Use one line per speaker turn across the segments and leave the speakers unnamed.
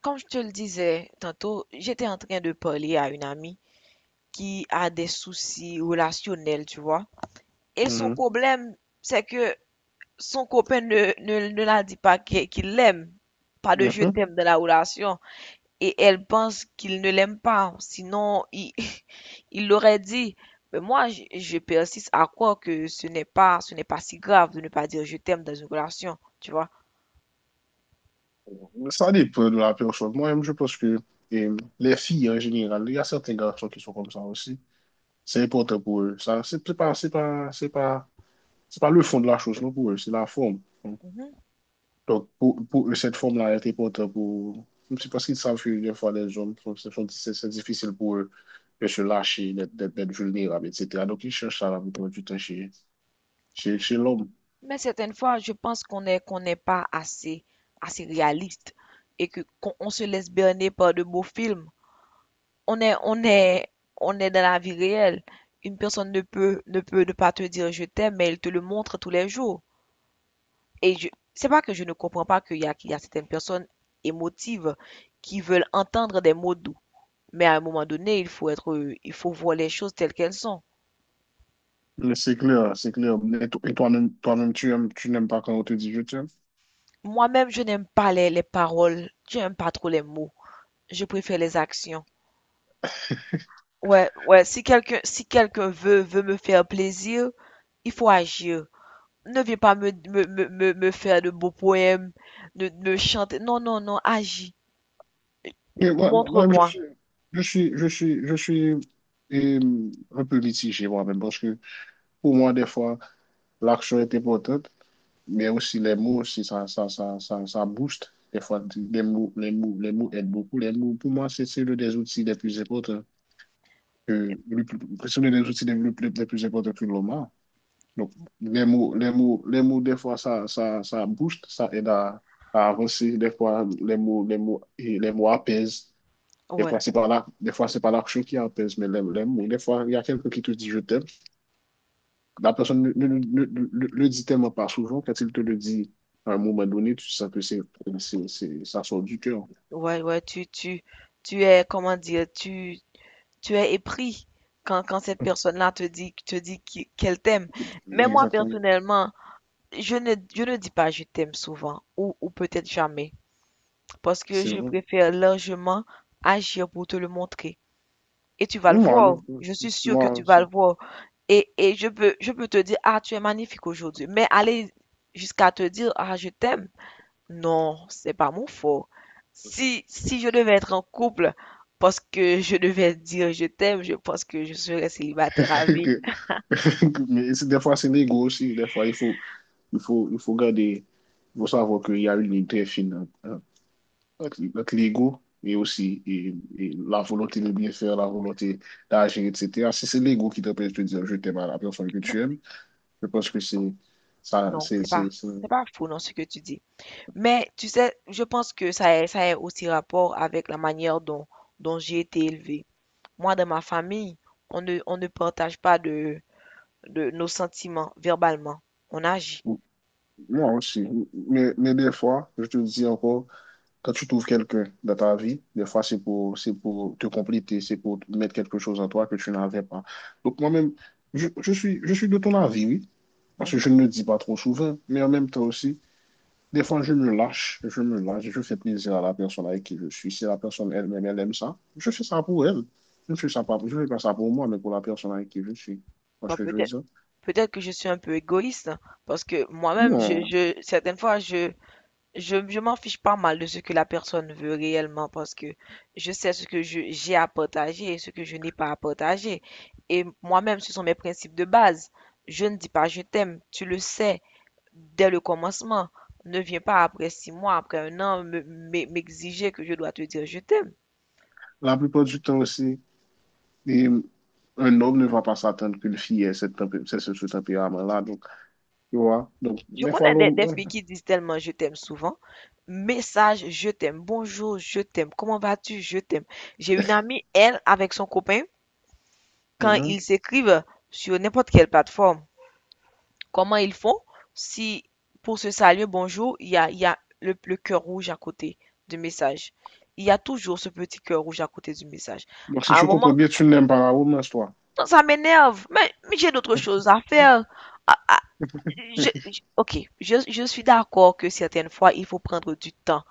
Comme je te le disais tantôt, j'étais en train de parler à une amie qui a des soucis relationnels, tu vois. Et son
Mhm,
problème, c'est que son copain ne la dit pas qu'il l'aime. Pas de je
mhm.
t'aime dans la relation. Et elle pense qu'il ne l'aime pas. Sinon, il, il l'aurait dit. Mais moi, je persiste à croire que ce n'est pas si grave de ne pas dire je t'aime dans une relation, tu vois.
Ça dépend de la personne. Moi-même, je pense que les filles en général, il y a certains garçons qui sont comme ça aussi. C'est important pour eux. Ça, c'est pas le fond de la chose, non, pour eux, c'est la forme. Donc, pour eux, cette forme-là est importante pour. C'est parce qu'ils savent que des fois, les hommes, sont- ce sont- c'est difficile pour eux de se lâcher, d'être vulnérables, etc. Donc, ils cherchent ça la plupart du temps chez, chez l'homme.
Mais certaines fois, je pense qu'on n'est pas assez réaliste et que qu'on on se laisse berner par de beaux films. On est on est on est dans la vie réelle. Une personne ne peut ne pas te dire je t'aime, mais elle te le montre tous les jours. Et je C'est pas que je ne comprends pas qu'il y a certaines personnes émotives qui veulent entendre des mots doux. Mais à un moment donné, il faut voir les choses telles qu'elles sont.
Mais c'est clair, c'est clair. Et toi-même, tu n'aimes pas quand on te dit je t'aime.
Moi-même, je n'aime pas les paroles, je n'aime pas trop les mots. Je préfère les actions. Ouais, ouais, si quelqu'un veut me faire plaisir, il faut agir. Ne viens pas me faire de beaux poèmes, de me chanter. Non, non, non, agis.
Et moi, je
Montre-moi.
suis, je suis, je suis, je suis euh, un peu mitigé moi-même parce que pour moi, des fois, l'action est importante, mais aussi les mots, aussi, ça booste. Des fois, les mots aident beaucoup. Les mots, pour moi, c'est l'un des outils les plus importants que, le plus- c'est l'un des outils les plus importants que l'homme a. Donc, les mots, des fois, ça booste, ça aide à avancer. Des fois, et les mots apaisent. Des
Ouais,
fois, c'est pas la, des fois, c'est pas l'action qui apaise, mais l'aime. Ou des fois, il y a quelqu'un qui te dit je t'aime. La personne ne le dit tellement pas souvent. Quand il te le dit à un moment donné, tu sens que ça sort du cœur.
ouais, ouais, tu es, comment dire, tu es épris quand cette personne-là te dit qu'elle t'aime. Mais moi
Exactement.
personnellement, je ne dis pas je t'aime souvent ou peut-être jamais parce que
C'est
je
vrai.
préfère largement agir pour te le montrer. Et tu vas le
Moi, non,
voir. Je suis sûre que tu
moi,
vas
ça.
le voir. Et je peux, te dire, ah, tu es magnifique aujourd'hui. Mais aller jusqu'à te dire, ah, je t'aime. Non, c'est pas mon fort. Si je devais être en couple parce que je devais dire je t'aime, je pense que je serais célibataire à vie.
que- Mais des fois, c'est l'ego aussi. Des fois, il faut garder, il faut savoir qu'il y a une ligne très fine hein. Notre l'ego et aussi et la volonté de bien faire, la volonté d'agir, etc. Si c'est l'ego qui t'empêche de dire je t'aime à la personne que
Non,
tu aimes, je pense que c'est ça.
non, c'est pas, faux dans ce que tu dis. Mais tu sais, je pense que ça a aussi rapport avec la manière dont j'ai été élevée. Moi, dans ma famille, on ne partage pas de nos sentiments verbalement. On agit.
Ou- Moi aussi. Mais des fois, je te dis encore, quand tu trouves quelqu'un dans ta vie, des fois c'est pour te compléter, c'est pour mettre quelque chose en toi que tu n'avais pas. Donc moi-même, je suis de ton avis, oui, parce que je
Mhm.
ne le dis pas trop souvent, mais en même temps aussi. Des fois, je me lâche, je fais plaisir à la personne avec qui je suis. Si la personne elle-même, elle aime ça, je fais ça pour elle. Je fais pas ça pour moi, mais pour la personne avec qui je suis. Tu vois
Bon,
ce que je veux dire?
peut-être que je suis un peu égoïste parce que moi-même,
Non.
certaines fois, je m'en fiche pas mal de ce que la personne veut réellement parce que je sais ce que j'ai à partager et ce que je n'ai pas à partager. Et moi-même, ce sont mes principes de base. Je ne dis pas je t'aime, tu le sais dès le commencement. Ne viens pas après six mois, après un an, m'exiger que je dois te dire je t'aime.
La plupart du temps aussi, les- un homme ne va pas s'attendre qu'une fille ait cette tempé- ce- ce tempérament-là. Donc, tu vois? Donc,
Je
des fois,
connais
l'homme.
des
Ouais.
filles qui disent tellement je t'aime souvent. Message, je t'aime. Bonjour, je t'aime. Comment vas-tu? Je t'aime. J'ai une amie, elle, avec son copain, quand
Mhm.
ils s'écrivent sur n'importe quelle plateforme, comment ils font? Si pour se saluer, bonjour, il y a le cœur rouge à côté du message. Il y a toujours ce petit cœur rouge à côté du message.
Donc, si
À un
je comprends
moment,
bien, tu n'aimes pas la romance, toi.
ça m'énerve. Mais j'ai d'autres choses à faire. À, à- ok, je suis d'accord que certaines fois, il faut prendre du temps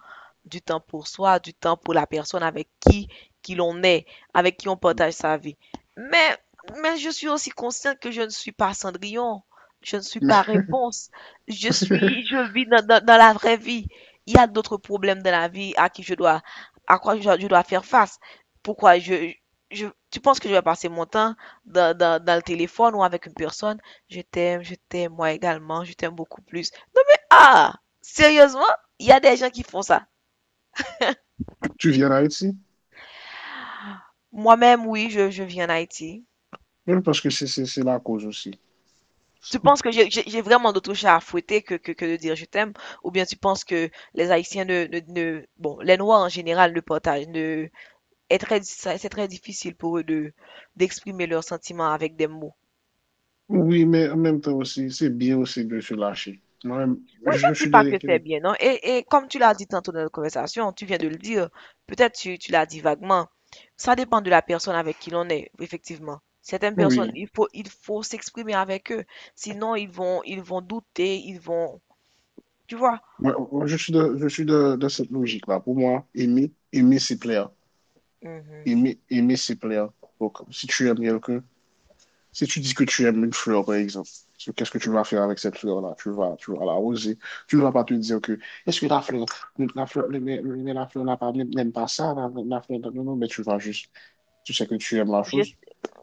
pour soi, du temps pour la personne avec qui l'on est, avec qui on partage sa vie. Mais, mais je suis aussi consciente que je ne suis pas Cendrillon. Je ne suis pas réponse. Je vis dans la vraie vie. Il y a d'autres problèmes dans la vie à quoi je dois faire face. Pourquoi je, je, tu penses que je vais passer mon temps dans le téléphone ou avec une personne? Je t'aime, moi également, je t'aime beaucoup plus. Non mais, ah! Sérieusement? Il y a des gens qui font ça.
Tu viens d'Haïti?
Moi-même, oui, je vis en Haïti.
Je pense que c'est la cause aussi.
Tu penses que j'ai vraiment d'autres chats à fouetter que de dire je t'aime? Ou bien tu penses que les Haïtiens bon, les Noirs en général ne partagent, ne, est très, c'est très difficile pour eux d'exprimer leurs sentiments avec des mots.
Oui, mais en même temps aussi, c'est bien aussi de se lâcher. Moi-même,
Moi, je
je
ne dis
suis dans
pas que c'est
l'équilibre.
bien, non? Et comme tu l'as dit tantôt dans notre conversation, tu viens de le dire, peut-être tu l'as dit vaguement, ça dépend de la personne avec qui l'on est, effectivement. Certaines
Oui,
personnes, il faut s'exprimer avec eux. Sinon, ils vont douter, ils vont, tu vois.
moi, je suis de cette logique-là. Pour moi, aimer, aimer, c'est plaire.
Mhm.
Aimer, aimer, c'est plaire. Donc, si tu aimes quelqu'un, si tu dis que tu aimes une fleur, par exemple, so, qu'est-ce que tu vas faire avec cette fleur-là? Tu vas l'arroser. Tu ne vas pas te dire est-ce que la fleur, mais la fleur n'aime pas ça, la fleur, non, non, mais tu vas juste, tu sais que tu aimes la
je,
chose.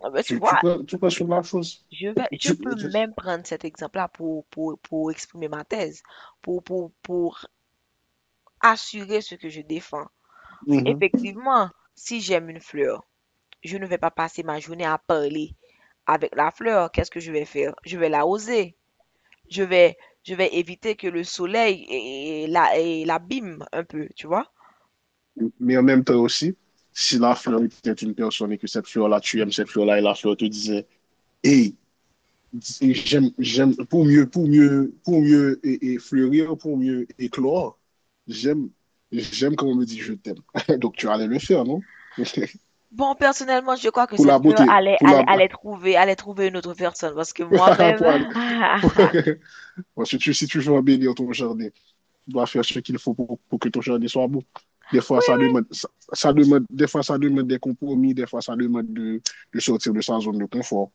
ah ben, tu
Tu, tu
vois,
prends, tu prends sur la chose.
je
Tu,
peux même prendre cet exemple-là pour, pour exprimer ma thèse, pour, pour assurer ce que je défends.
Mhm.
Effectivement, si j'aime une fleur, je ne vais pas passer ma journée à parler avec la fleur. Qu'est-ce que je vais faire? Je vais l'arroser. Je vais, je vais éviter que le soleil l'abîme un peu, tu vois?
Mais en même temps aussi, si la fleur était une personne et que cette fleur-là, tu aimes cette fleur-là, et la fleur te disait, hey, j'aime, pour mieux et fleurir, pour mieux éclore, j'aime, j'aime quand on me dit je t'aime. Donc tu allais le faire, non?
Bon, personnellement, je crois que
Pour la
cette fleur
beauté,
allait, allait trouver une autre personne parce que moi-même,
pour aller, pour- Parce que tu, si tu veux embellir ton jardin, tu dois faire ce qu'il faut que ton jardin soit beau. Des fois, ça
Oui,
demande, ça demande, des fois, ça demande des compromis, des fois, ça demande de sortir de sa zone de confort.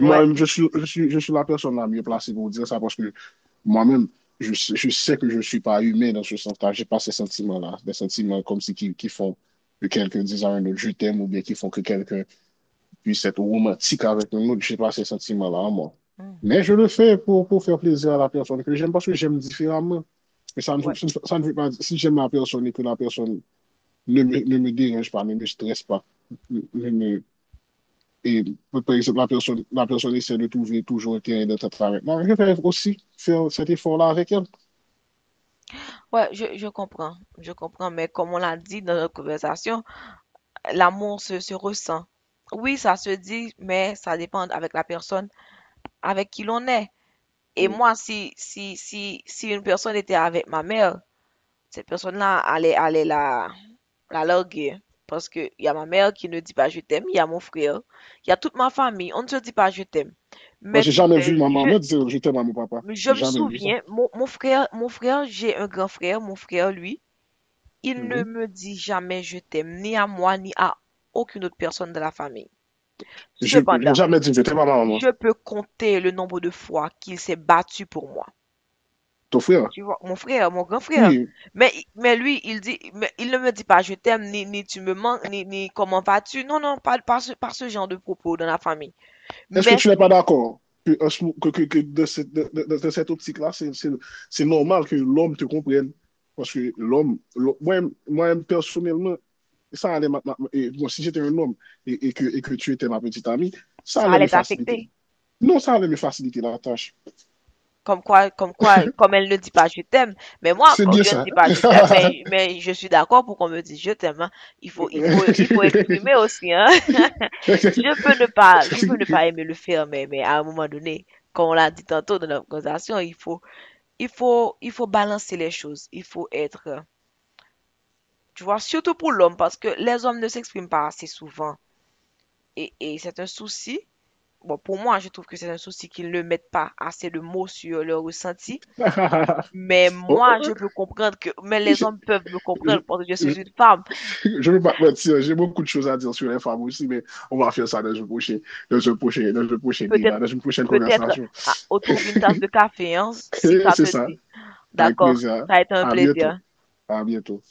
oui, ouais.
je suis la personne la mieux placée pour dire ça parce que moi-même, sais que je ne suis pas humain dans ce sens-là. Je n'ai pas ces sentiments-là, des sentiments comme si qui font que quelqu'un dise à un autre je t'aime ou bien qui font que quelqu'un puisse être romantique avec un autre. Je n'ai pas ces sentiments-là en moi.
Hmm.
Mais je le fais pour faire plaisir à la personne que j'aime parce que j'aime différemment que ça ne,
Ouais.
ça ne veut pas dire, si j'aime la personne et que la personne ne me dérange pas, ne me stresse pas, ne me, et par exemple, la personne essaie de trouver toujours un terrain d'entente avec moi, je vais aussi faire cet effort-là avec elle.
Ouais, je comprends, mais comme on l'a dit dans notre conversation, l'amour se ressent. Oui, ça se dit, mais ça dépend avec la personne avec qui l'on est. Et
Oui.
moi, si une personne était avec ma mère, cette personne-là allait la larguer. Parce que il y a ma mère qui ne dit pas je t'aime, il y a mon frère, il y a toute ma famille, on ne se dit pas je t'aime.
Moi,
Mais
j'ai
tu
jamais vu
sais,
ma
je,
maman dire je t'aime à mon papa.
Je
J'ai
me
jamais vu ça.
souviens, mon frère, j'ai un grand frère, mon frère, lui, il
Mm
ne
-hmm.
me dit jamais je t'aime, ni à moi, ni à aucune autre personne de la famille.
Je n'ai
Cependant,
jamais dit je t'aime à ma maman.
je peux compter le nombre de fois qu'il s'est battu pour moi.
Ton frère?
Tu vois, mon frère, mon grand frère.
Oui.
Mais, mais lui, mais il ne me dit pas je t'aime, ni tu me manques, ni comment vas-tu. Non, non, pas ce genre de propos dans la famille.
Est-ce que
Mais
tu n'es pas
si,
d'accord que, que de cette, de cette optique-là, c'est normal que l'homme te comprenne? Parce que l'homme, moi-même, personnellement, ça allait ma- ma- et, bon, si j'étais un homme et que tu étais ma petite amie, ça
ça
allait
allait
me faciliter.
t'affecter.
Non, ça allait me faciliter la tâche.
Comme quoi, comme elle ne dit pas je t'aime, mais moi,
C'est
quand
bien
je ne
ça.
dis pas je t'aime, mais je suis d'accord pour qu'on me dise je t'aime, hein. Il faut exprimer aussi, hein. Je peux ne pas aimer le faire, mais à un moment donné, comme on l'a dit tantôt dans notre conversation, il faut balancer les choses. Il faut être, tu vois, surtout pour l'homme, parce que les hommes ne s'expriment pas assez souvent. Et c'est un souci. Bon, pour moi, je trouve que c'est un souci qu'ils ne mettent pas assez de mots sur leurs ressentis. Mais
Oh,
moi,
oh,
je peux comprendre que, mais les
je,
hommes peuvent me comprendre parce que je suis
je-
une femme.
Je ne veux pas te mentir, j'ai beaucoup de choses à dire sur les femmes aussi, mais on va faire ça dans un prochain, débat,
Peut-être,
dans une prochaine
Peut-être
conversation.
autour d'une tasse de café, hein, si
Et
ça
c'est
te
ça.
dit.
Avec
D'accord.
plaisir.
Ça a été un
À bientôt.
plaisir.
À bientôt.